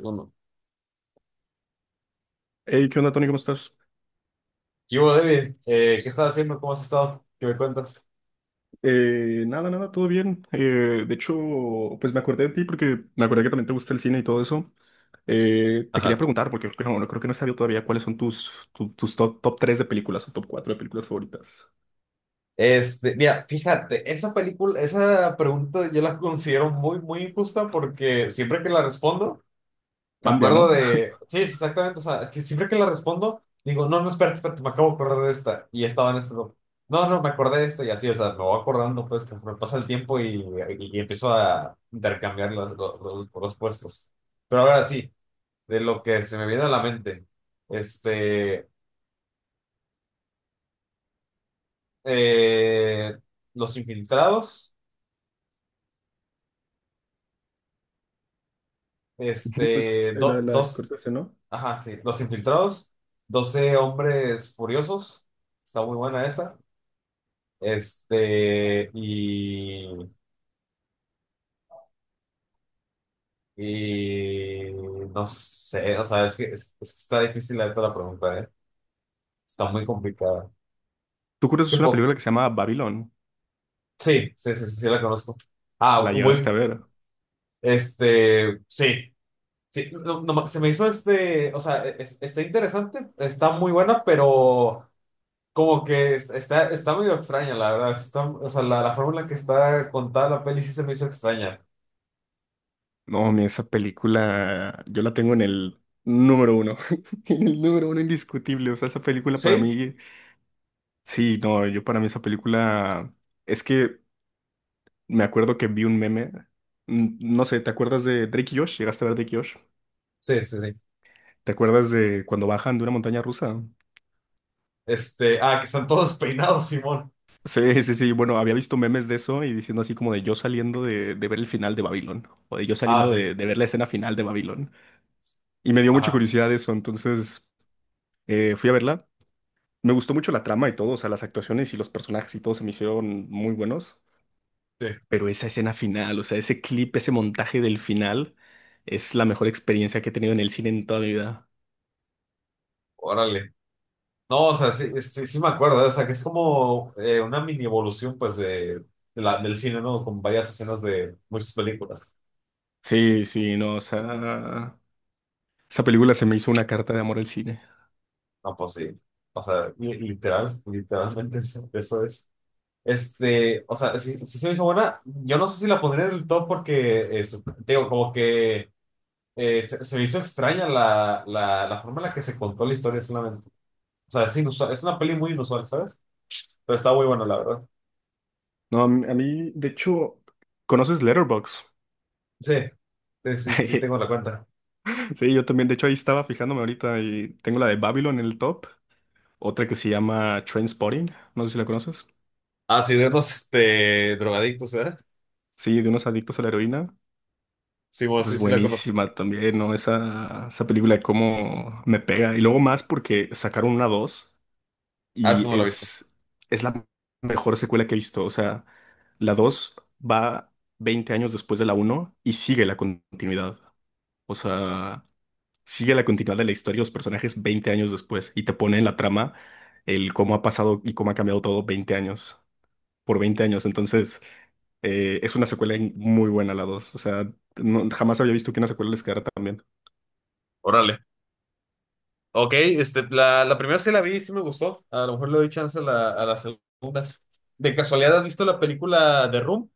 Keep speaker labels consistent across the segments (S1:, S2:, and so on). S1: Uno.
S2: Hey, ¿qué onda, Tony? ¿Cómo estás?
S1: ¿Qué hubo, David? ¿Qué estás haciendo? ¿Cómo has estado? ¿Qué me cuentas?
S2: Nada, nada, todo bien. De hecho, pues me acordé de ti porque me acordé que también te gusta el cine y todo eso. Te quería
S1: Ajá.
S2: preguntar, porque creo que no, no creo que no he sabido todavía cuáles son tus top 3 de películas o top cuatro de películas favoritas.
S1: Mira, fíjate, esa pregunta yo la considero muy, muy injusta porque siempre que la respondo, me
S2: Cambia,
S1: acuerdo
S2: ¿no?
S1: de, sí, exactamente, o sea, que siempre que la respondo, digo, no, no, espérate, espérate, me acabo de acordar de esta y estaba en no, no, no, me acordé de esta y así, o sea, me voy acordando, pues, conforme pasa el tiempo y empiezo a intercambiar los puestos. Pero ahora sí, de lo que se me viene a la mente, este... eh, Los Infiltrados,
S2: Ujú. Pues es la, la de
S1: dos,
S2: Scorsese, ¿no?
S1: ajá, sí, Los Infiltrados, 12 Hombres Furiosos, está muy buena esa, este, y, y no sé, o sea, es que está difícil la neta la pregunta, ¿eh? Está muy complicada.
S2: Tú
S1: Es que
S2: conoces una
S1: po-
S2: película que se llama Babylon.
S1: sí, sí, sí, sí, sí la conozco.
S2: ¿La
S1: Ah,
S2: llegaste
S1: bueno,
S2: a ver?
S1: sí. Sí, no, se me hizo, o sea, está interesante, está muy buena, pero como que está medio extraña, la verdad. Está, o sea, la forma en la que está contada la peli sí se me hizo extraña.
S2: No, mi esa película yo la tengo en el número uno. En el número uno indiscutible. O sea, esa película para
S1: Sí,
S2: mí. Sí, no, yo para mí esa película es que me acuerdo que vi un meme, no sé, ¿te acuerdas de Drake y Josh? ¿Llegaste a ver Drake y Josh?
S1: sí, sí, sí.
S2: ¿Te acuerdas de cuando bajan de una montaña rusa?
S1: Que están todos peinados, Simón.
S2: Sí, sí, sí, bueno, había visto memes de eso y diciendo así como de yo saliendo de ver el final de Babylon o de yo
S1: Ah,
S2: saliendo
S1: sí,
S2: de ver la escena final de Babylon. Y me dio mucha
S1: ajá,
S2: curiosidad eso, entonces fui a verla. Me gustó mucho la trama y todo, o sea, las actuaciones y los personajes y todo se me hicieron muy buenos.
S1: sí,
S2: Pero esa escena final, o sea, ese clip, ese montaje del final, es la mejor experiencia que he tenido en el cine en toda mi vida.
S1: órale. No, o sea, sí, sí, sí me acuerdo, ¿eh? O sea, que es como una mini evolución, pues, del cine, ¿no? Con varias escenas de muchas películas.
S2: Sí, sí, no, o sea, esa película se me hizo una carta de amor al cine.
S1: No, pues sí. O sea, literalmente eso es. O sea, si se me hizo buena. Yo no sé si la pondría en el top porque, te digo, como que se me hizo extraña la forma en la que se contó la historia solamente. O sea, es inusual, es una peli muy inusual, ¿sabes? Pero está muy bueno, la verdad.
S2: No, de hecho, ¿conoces Letterboxd?
S1: Sí, sí, sí, sí tengo la cuenta.
S2: Sí, yo también, de hecho, ahí estaba fijándome ahorita y tengo la de Babylon en el top, otra que se llama Trainspotting, no sé si la conoces.
S1: Ah, sí, de los drogadictos, ¿eh?
S2: Sí, de unos adictos a la heroína.
S1: Sí, bueno,
S2: Esa es
S1: sí, sí la conozco.
S2: buenísima también, ¿no? Esa película, cómo me pega. Y luego más porque sacaron una 2.
S1: Ah, esa
S2: Y
S1: no la he visto.
S2: es la mejor secuela que he visto. O sea, la 2 va 20 años después de la uno y sigue la continuidad. O sea, sigue la continuidad de la historia y los personajes 20 años después y te pone en la trama el cómo ha pasado y cómo ha cambiado todo 20 años, por 20 años. Entonces, es una secuela muy buena la dos. O sea, jamás había visto que una secuela les quedara tan bien.
S1: Órale. Ok, la primera sí la vi, sí me gustó. A lo mejor le doy chance a la segunda. ¿De casualidad has visto la película de Room?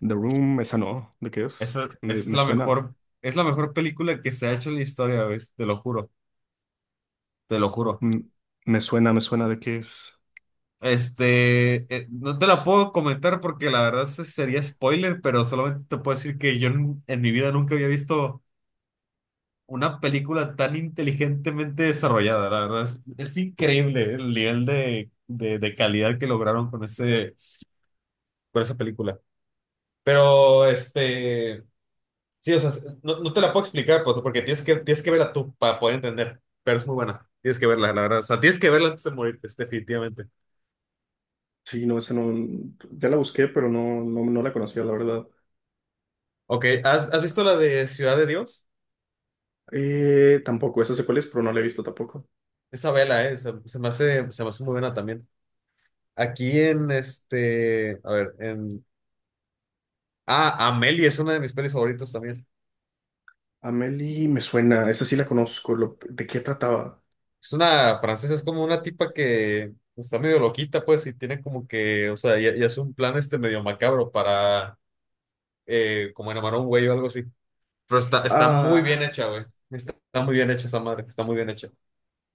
S2: The Room, esa no. ¿De qué es?
S1: Esa
S2: Me, me suena.
S1: es la mejor película que se ha hecho en la historia, güey, te lo juro, te lo juro.
S2: Mm, me suena de qué es.
S1: No te la puedo comentar porque la verdad sería spoiler, pero solamente te puedo decir que yo en mi vida nunca había visto una película tan inteligentemente desarrollada, la verdad. Es increíble el nivel de calidad que lograron con esa película. Pero, sí, o sea, no te la puedo explicar, pues, porque tienes que verla tú para poder entender, pero es muy buena. Tienes que verla, la verdad. O sea, tienes que verla antes de morirte, es definitivamente.
S2: Sí, no, esa no, ya la busqué, pero no, no, no la conocía, la verdad.
S1: Ok, ¿has visto la de Ciudad de Dios?
S2: Tampoco, esa sé cuál es, pero no la he visto tampoco.
S1: Esa vela, se me hace muy buena también. Aquí en este, a ver, en... Ah, Amélie es una de mis pelis favoritas también.
S2: Amelie me suena, esa sí la conozco, ¿de qué trataba?
S1: Es una francesa, es como una tipa que está medio loquita, pues, y tiene como que, o sea, y hace un plan, este, medio macabro para, como enamorar a un güey o algo así. Pero está muy bien
S2: Ah,
S1: hecha, güey. Está muy bien hecha esa madre, está muy bien hecha.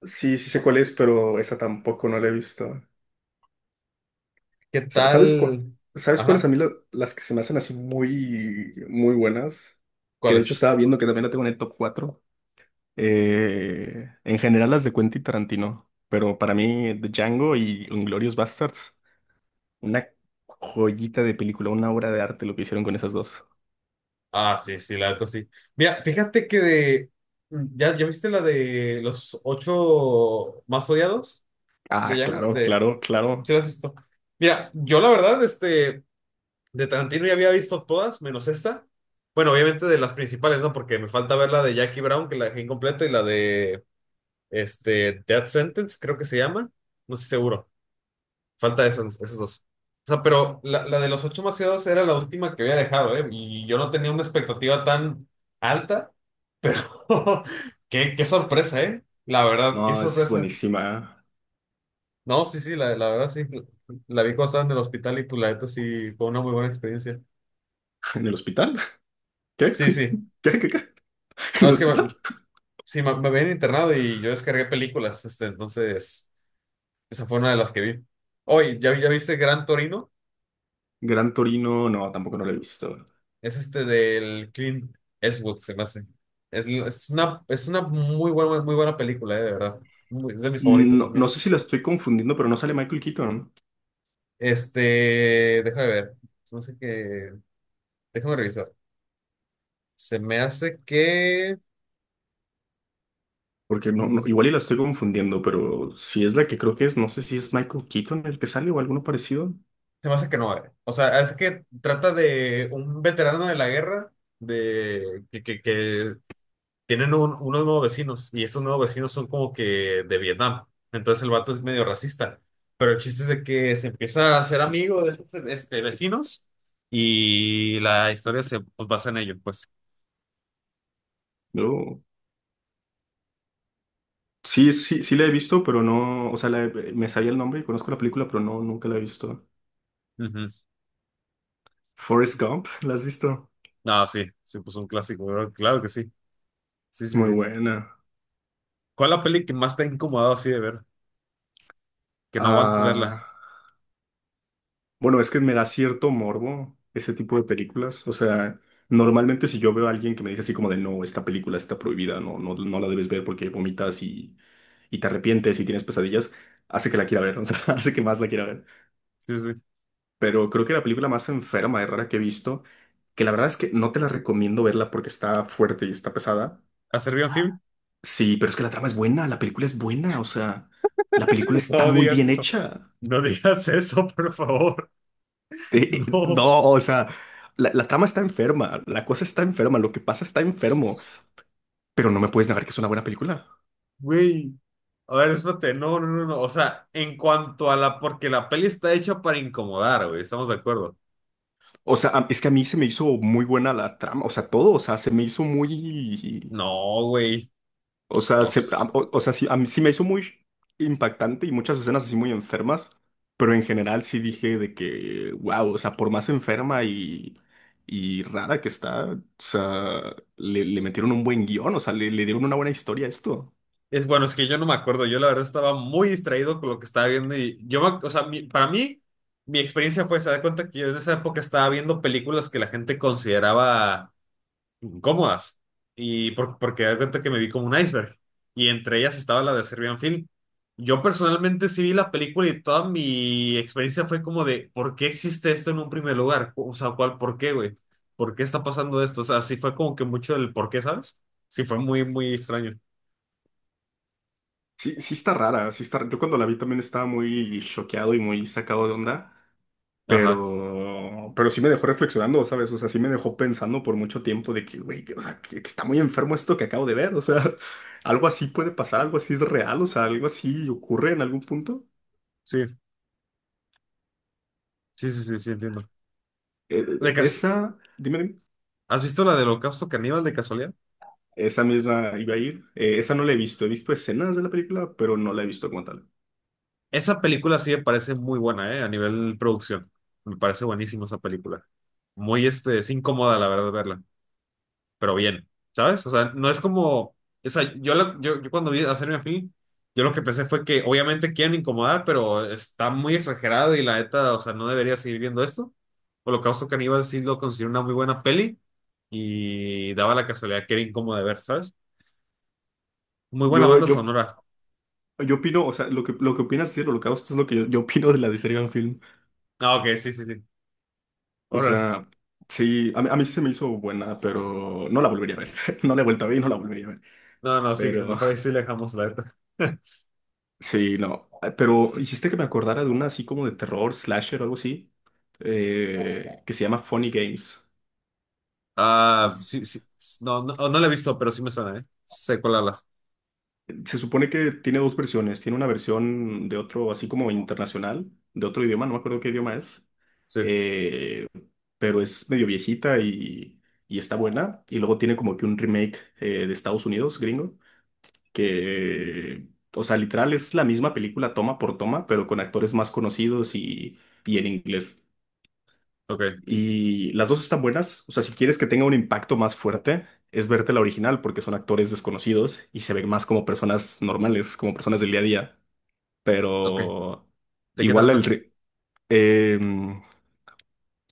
S2: sí, sí sé cuál es, pero esa tampoco no la he visto.
S1: ¿Qué
S2: ¿Sabes cuál?
S1: tal?
S2: ¿Sabes cuáles a
S1: Ajá,
S2: mí las que se me hacen así muy, muy buenas? Que
S1: ¿cuál
S2: de hecho
S1: es?
S2: estaba viendo que también la tengo en el top 4. En general las de Quentin Tarantino, pero para mí The Django y Inglourious Basterds. Una joyita de película, una obra de arte lo que hicieron con esas dos.
S1: Ah, sí, sí, la neta sí. Mira, fíjate que de... ¿Ya viste la de los ocho más odiados? De
S2: Ah,
S1: Django,
S2: claro,
S1: de...
S2: claro,
S1: ¿Sí
S2: claro.
S1: la has visto? Mira, yo la verdad, de Tarantino ya había visto todas, menos esta. Bueno, obviamente de las principales, ¿no? Porque me falta ver la de Jackie Brown, que la dejé incompleta, y la de, Death Sentence, creo que se llama. No estoy seguro. Falta esos dos. O sea, pero la de los ocho macieros era la última que había dejado, ¿eh? Y yo no tenía una expectativa tan alta. Qué sorpresa, ¿eh? La verdad,
S2: No,
S1: qué
S2: es
S1: sorpresa.
S2: buenísima.
S1: No, sí, sí, la verdad sí. La vi cuando estaba en el hospital y pues la neta sí fue una muy buena experiencia.
S2: ¿En el hospital? ¿Qué?
S1: Sí,
S2: ¿Qué,
S1: sí.
S2: qué, qué?
S1: No,
S2: ¿En el hospital?
S1: sí, me habían internado y yo descargué películas, entonces esa fue una de las que vi. Oye, ¿ya viste Gran Torino?
S2: Gran Torino, no, tampoco no la he visto.
S1: Es, este, del Clint Eastwood, se me hace. Es una muy buena película, de verdad. Es de mis favoritos
S2: No, no
S1: también.
S2: sé si la estoy confundiendo, pero no sale Michael Keaton.
S1: Déjame ver. Se me hace que. Déjame revisar. Se me hace que.
S2: Porque igual y la estoy confundiendo, pero si es la que creo que es, no sé si es Michael Keaton el que sale o alguno parecido.
S1: Se me hace que no, eh. O sea, es que trata de un veterano de la guerra que tienen unos nuevos vecinos y esos nuevos vecinos son como que de Vietnam. Entonces el vato es medio racista. Pero el chiste es de que se empieza a hacer amigo de estos, vecinos y la historia, se, pues, basa en ello, pues.
S2: Yo sí, sí, sí la he visto, pero no, o sea, me sabía el nombre y conozco la película, pero no, nunca la he visto.
S1: Ujú.
S2: Forrest Gump, ¿la has visto?
S1: No, sí, sí, pues un clásico, ¿verdad? Claro que sí. Sí, sí,
S2: Muy
S1: sí.
S2: buena.
S1: ¿Cuál es la peli que más te ha incomodado así de ver? Que no aguantas
S2: Ah,
S1: verla.
S2: bueno, es que me da cierto morbo ese tipo de películas. O sea, normalmente si yo veo a alguien que me dice así como de no, esta película está prohibida, no, no, no la debes ver porque vomitas y, te arrepientes y tienes pesadillas, hace que la quiera ver, o sea, hace que más la quiera ver.
S1: Sí, sí.
S2: Pero creo que la película más enferma y rara que he visto, que la verdad es que no te la recomiendo verla porque está fuerte y está pesada.
S1: ¿A Serbian Film?
S2: Sí, pero es que la trama es buena, la película es buena, o sea, la película está
S1: No
S2: muy
S1: digas
S2: bien
S1: eso.
S2: hecha.
S1: No digas eso, por favor. No,
S2: No, o sea, la trama está enferma, la cosa está enferma, lo que pasa está enfermo, pero no me puedes negar que es una buena película.
S1: güey. A ver, espérate, no, no, no, no. O sea, en cuanto a la, porque la peli está hecha para incomodar, güey, estamos de acuerdo.
S2: O sea, es que a mí se me hizo muy buena la trama, o sea, todo, o sea, se me hizo muy,
S1: No, güey,
S2: o sea,
S1: no.
S2: o sea, sí, a mí sí me hizo muy impactante y muchas escenas así muy enfermas, pero en general sí dije de que, wow, o sea, por más enferma y, rara que está, o sea, le, metieron un buen guión, o sea, le, dieron una buena historia a esto.
S1: Es bueno, es que yo no me acuerdo. Yo la verdad estaba muy distraído con lo que estaba viendo y yo, o sea, para mí, mi experiencia fue, se da cuenta que yo en esa época estaba viendo películas que la gente consideraba incómodas. Y porque da cuenta que me vi como un iceberg. Y entre ellas estaba la de Serbian Film. Yo personalmente sí vi la película y toda mi experiencia fue como de, ¿por qué existe esto en un primer lugar? O sea, ¿cuál, por qué, güey? ¿Por qué está pasando esto? O sea, sí fue como que mucho del por qué, ¿sabes? Sí fue muy, muy extraño.
S2: Sí, sí está rara, sí está, yo cuando la vi también estaba muy choqueado y muy sacado de onda,
S1: Ajá.
S2: pero sí me dejó reflexionando, ¿sabes? O sea, sí me dejó pensando por mucho tiempo de que, güey, o sea, que está muy enfermo esto que acabo de ver, o sea, algo así puede pasar, algo así es real, o sea, algo así ocurre en algún punto.
S1: Sí, sí, sí, sí, sí, entiendo. De cas-
S2: Dime, dime,
S1: ¿Has visto la del Holocausto Caníbal de casualidad?
S2: esa misma iba a ir, esa no la he visto escenas de la película, pero no la he visto como tal.
S1: Esa película sí me parece muy buena, ¿eh? A nivel producción. Me parece buenísima esa película. Es incómoda, la verdad, verla. Pero bien, ¿sabes? O sea, no es como... O sea, yo cuando vi a Serena Film, yo lo que pensé fue que obviamente quieren incomodar, pero está muy exagerado y la neta, o sea, no debería seguir viendo esto. Holocausto Caníbal sí lo considero una muy buena peli y daba la casualidad que era incómoda de ver, ¿sabes? Muy buena
S2: Yo,
S1: banda
S2: yo,
S1: sonora.
S2: yo opino, o sea, lo que opinas, sí, lo que hago, esto es lo que yo opino de la de Serial Film.
S1: Ah, ok, sí, sí, sí.
S2: O
S1: Ahora,
S2: sea, sí, a mí sí se me hizo buena, pero no la volvería a ver. No la he vuelto a ver y no la volvería a ver.
S1: no, no, sí,
S2: Pero
S1: mejor ahí sí le dejamos la neta.
S2: sí, no. Pero hiciste que me acordara de una así como de terror, slasher o algo así, que se llama Funny Games.
S1: Ah,
S2: Pues,
S1: sí, sí. No, no, oh, no la he visto, pero sí me suena, ¿eh? Sé cuál hablas.
S2: se supone que tiene dos versiones. Tiene una versión de otro, así como internacional, de otro idioma, no me acuerdo qué idioma es.
S1: Sí,
S2: eh, pero es medio viejita y, está buena. Y luego tiene como que un remake de Estados Unidos, gringo. Que, o sea, literal es la misma película toma por toma, pero con actores más conocidos y, en inglés.
S1: ok,
S2: Y las dos están buenas, o sea, si quieres que tenga un impacto más fuerte, es verte la original porque son actores desconocidos y se ven más como personas normales, como personas del día a día,
S1: ok.
S2: pero
S1: ¿De qué
S2: igual el...
S1: trata?
S2: ri- em,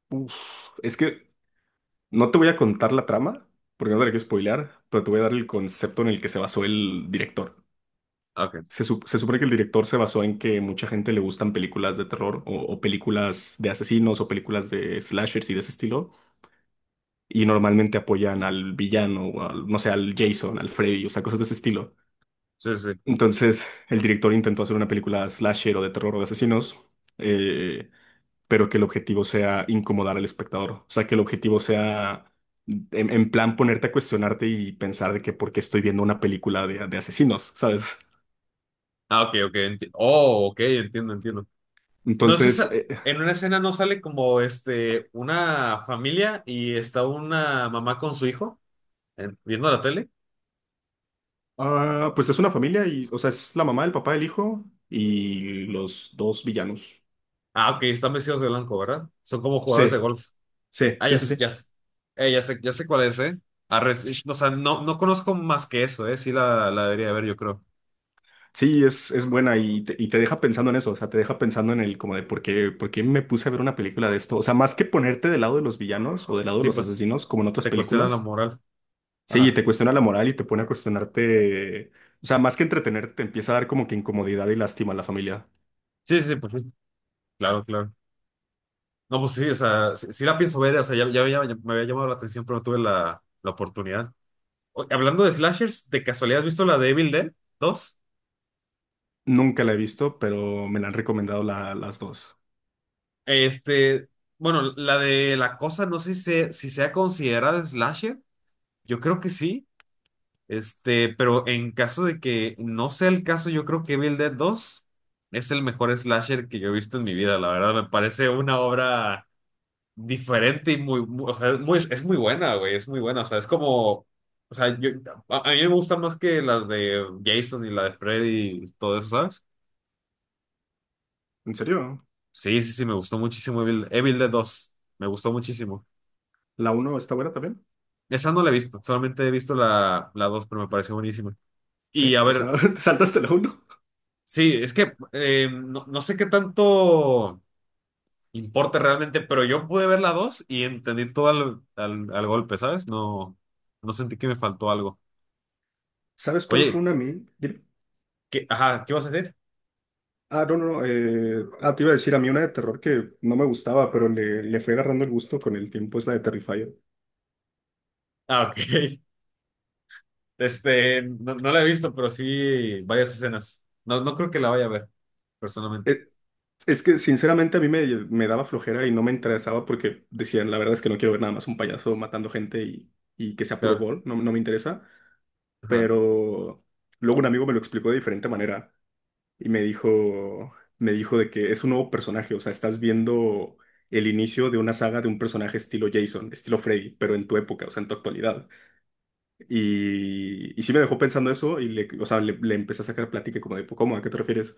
S2: uf, es que no te voy a contar la trama, porque no te la quiero spoilear, pero te voy a dar el concepto en el que se basó el director.
S1: Ah, ok.
S2: Se supone que el director se basó en que mucha gente le gustan películas de terror o películas de asesinos o películas de slashers y de ese estilo. Y normalmente apoyan al villano o al, no sé, al Jason, al Freddy, o sea, cosas de ese estilo.
S1: Sí, sí, sí.
S2: Entonces, el director intentó hacer una película slasher o de terror o de asesinos, eh, pero que el objetivo sea incomodar al espectador. O sea, que el objetivo sea en plan ponerte a cuestionarte y pensar de que por qué estoy viendo una película de asesinos, ¿sabes?
S1: Ah, ok, ok. Oh, ok, entiendo, entiendo. No es
S2: Entonces,
S1: esa. En una escena no sale como una familia y está una mamá con su hijo, viendo la tele.
S2: Ah, pues es una familia y, o sea, es la mamá, el papá, el hijo y los dos villanos.
S1: Ah, ok, están vestidos de blanco, ¿verdad? Son como jugadores de
S2: Sí,
S1: golf.
S2: sí,
S1: Ah,
S2: sí,
S1: ya
S2: sí,
S1: sé, ya
S2: sí.
S1: sé. Ya sé, ya sé cuál es, ¿eh? Arre, sí, o sea, no, no conozco más que eso, ¿eh? Sí la debería ver, yo creo.
S2: Sí, es buena y te deja pensando en eso, o sea, te deja pensando en el como de por qué, me puse a ver una película de esto. O sea, más que ponerte del lado de los villanos o del lado de
S1: Sí,
S2: los
S1: pues.
S2: asesinos, como en otras
S1: Te cuestiona la
S2: películas,
S1: moral.
S2: sí,
S1: Ajá.
S2: te cuestiona la moral y te pone a cuestionarte, o sea, más que entretenerte, te empieza a dar como que incomodidad y lástima a la familia.
S1: Sí, sí, sí, pues sí. Claro, claro. No, pues sí, o sea, sí, sí la pienso ver, o sea, me había llamado la atención, pero no tuve la oportunidad. Hablando de slashers, ¿de casualidad has visto la de Evil Dead 2?
S2: Nunca la he visto, pero me la han recomendado las dos.
S1: Este, bueno, la de La Cosa, no sé si sea considerada slasher, yo creo que sí, pero en caso de que no sea el caso, yo creo que Evil Dead 2 es el mejor slasher que yo he visto en mi vida, la verdad, me parece una obra diferente y o sea, es muy buena, güey, es muy buena, o sea, es como, o sea, yo, a mí me gusta más que las de Jason y la de Freddy y todo eso, ¿sabes?
S2: ¿En serio?
S1: Sí, sí, sí, me gustó muchísimo Evil Dead dos, me gustó muchísimo.
S2: ¿La uno está buena también?
S1: Esa no la he visto, solamente he visto la dos, pero me pareció buenísima. Y
S2: ¿Qué?
S1: a
S2: O
S1: ver,
S2: sea, te saltaste la uno.
S1: sí, es que no sé qué tanto importa realmente, pero yo pude ver la 2 y entendí todo al golpe, ¿sabes? No, no sentí que me faltó algo.
S2: ¿Sabes cuál fue
S1: Oye,
S2: una a mí? Dime.
S1: ajá, ¿qué vas a decir?
S2: Ah, no, no, no. Te iba a decir, a mí una de terror que no me gustaba, pero le fue agarrando el gusto con el tiempo, es la de Terrifier.
S1: Ah, ok. No la he visto, pero sí varias escenas. No, no creo que la vaya a ver, personalmente.
S2: Eh, es que, sinceramente, a mí me, me daba flojera y no me interesaba porque decían, la verdad es que no quiero ver nada más un payaso matando gente y que sea puro
S1: Claro.
S2: gol, no, no me interesa.
S1: Ajá.
S2: Pero luego un amigo me lo explicó de diferente manera. Y me dijo de que es un nuevo personaje, o sea, estás viendo el inicio de una saga de un personaje estilo Jason, estilo Freddy, pero en tu época, o sea, en tu actualidad. Y sí me dejó pensando eso y le, o sea, le empecé a sacar plática como de, "Pues, ¿cómo? ¿A qué te refieres?"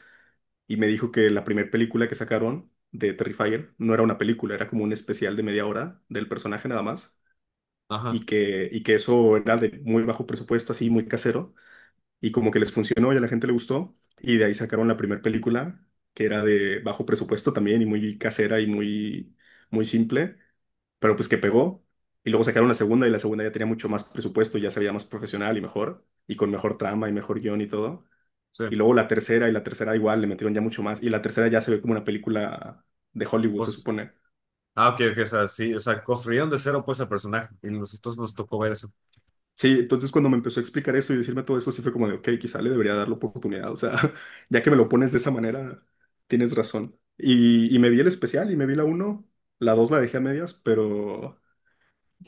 S2: Y me dijo que la primera película que sacaron de Terrifier no era una película, era como un especial de media hora del personaje nada más.
S1: Ajá.
S2: Y que eso era de muy bajo presupuesto, así muy casero y como que les funcionó y a la gente le gustó. Y de ahí sacaron la primera película, que era de bajo presupuesto también y muy casera y muy, muy simple, pero pues que pegó. Y luego sacaron la segunda y la segunda ya tenía mucho más presupuesto, ya se veía más profesional y mejor, y con mejor trama y mejor guión y todo.
S1: Sí.
S2: Y luego la tercera y la tercera igual le metieron ya mucho más. Y la tercera ya se ve como una película de Hollywood, se
S1: Pues.
S2: supone.
S1: Ah, ok, ok. O sea, sí. O sea, construyeron de cero, pues, el personaje. Y nosotros nos tocó ver eso.
S2: Sí, entonces cuando me empezó a explicar eso y decirme todo eso, sí fue como de, ok, quizá le debería dar la oportunidad. O sea, ya que me lo pones de esa manera, tienes razón. Y me vi el especial y me vi la uno, la 2 la dejé a medias, pero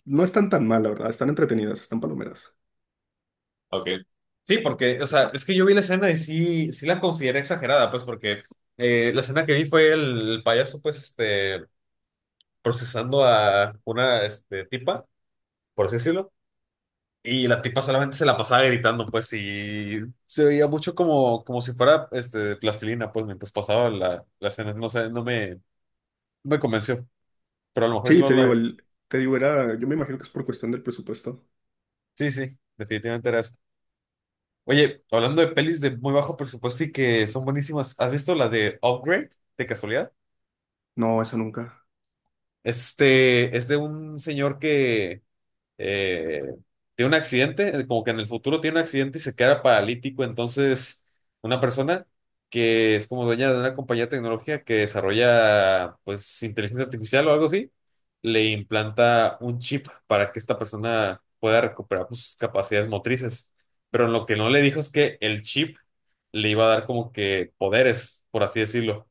S2: no están tan mal, la verdad. Están entretenidas, están palomeras.
S1: Ok. Sí, porque, o sea, es que yo vi la escena y sí, sí la consideré exagerada, pues, porque la escena que vi fue el payaso, pues, procesando a una, tipa, por así decirlo. Y la tipa solamente se la pasaba gritando, pues, y se veía mucho como si fuera, de plastilina, pues, mientras pasaba la escena. No sé, no me convenció, pero a lo mejor
S2: Sí,
S1: no
S2: te digo,
S1: la...
S2: te digo, era, yo me imagino que es por cuestión del presupuesto.
S1: Sí, sí, definitivamente era eso. Oye, hablando de pelis de muy bajo presupuesto y que son buenísimas, ¿has visto la de Upgrade, de casualidad?
S2: No, esa nunca.
S1: Es de un señor que eh, tiene un accidente, como que en el futuro tiene un accidente y se queda paralítico. Entonces, una persona que es como dueña de una compañía de tecnología que desarrolla, pues, inteligencia artificial o algo así, le implanta un chip para que esta persona pueda recuperar, pues, sus capacidades motrices. Pero lo que no le dijo es que el chip le iba a dar como que poderes, por así decirlo.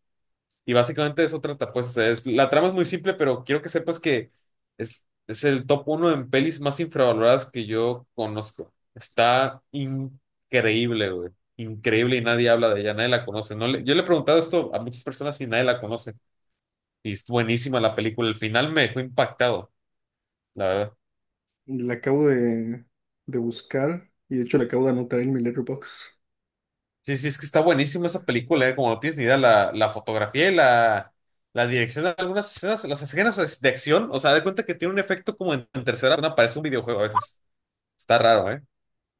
S1: Y básicamente eso trata, pues, la trama es muy simple, pero quiero que sepas que es el top uno en pelis más infravaloradas que yo conozco. Está increíble, güey. Increíble, y nadie habla de ella, nadie la conoce. No le- Yo le he preguntado esto a muchas personas y nadie la conoce. Y es buenísima la película. El final me dejó impactado, la verdad.
S2: La acabo de buscar y de hecho la acabo de anotar en mi letterbox.
S1: Sí, sí, es que está buenísima esa película, como no tienes ni idea, la fotografía y la dirección de algunas escenas, las escenas de acción, o sea, de cuenta que tiene un efecto como en tercera persona, parece un videojuego a veces. Está raro, ¿eh?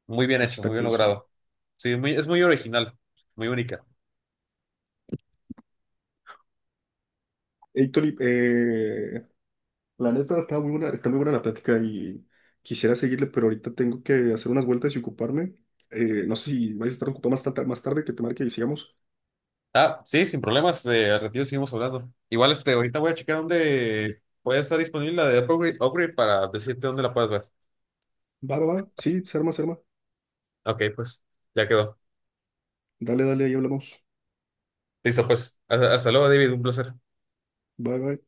S1: Muy bien
S2: Eso
S1: hecho,
S2: está
S1: muy bien
S2: curioso.
S1: logrado. Sí, es muy original, muy única.
S2: Héctor, la neta está muy buena la plática y quisiera seguirle, pero ahorita tengo que hacer unas vueltas y ocuparme. No sé si vais a estar ocupado más tarde que te marque y sigamos.
S1: Ah, sí, sin problemas, de al ratito seguimos hablando. Igual, ahorita voy a checar dónde puede estar disponible la de Upgrade, para decirte dónde la puedes ver.
S2: Va, va, va. Sí, se arma, se arma.
S1: Ok, pues, ya quedó.
S2: Dale, dale, ahí hablamos.
S1: Listo, pues. Hasta luego, David, un placer.
S2: Bye, bye.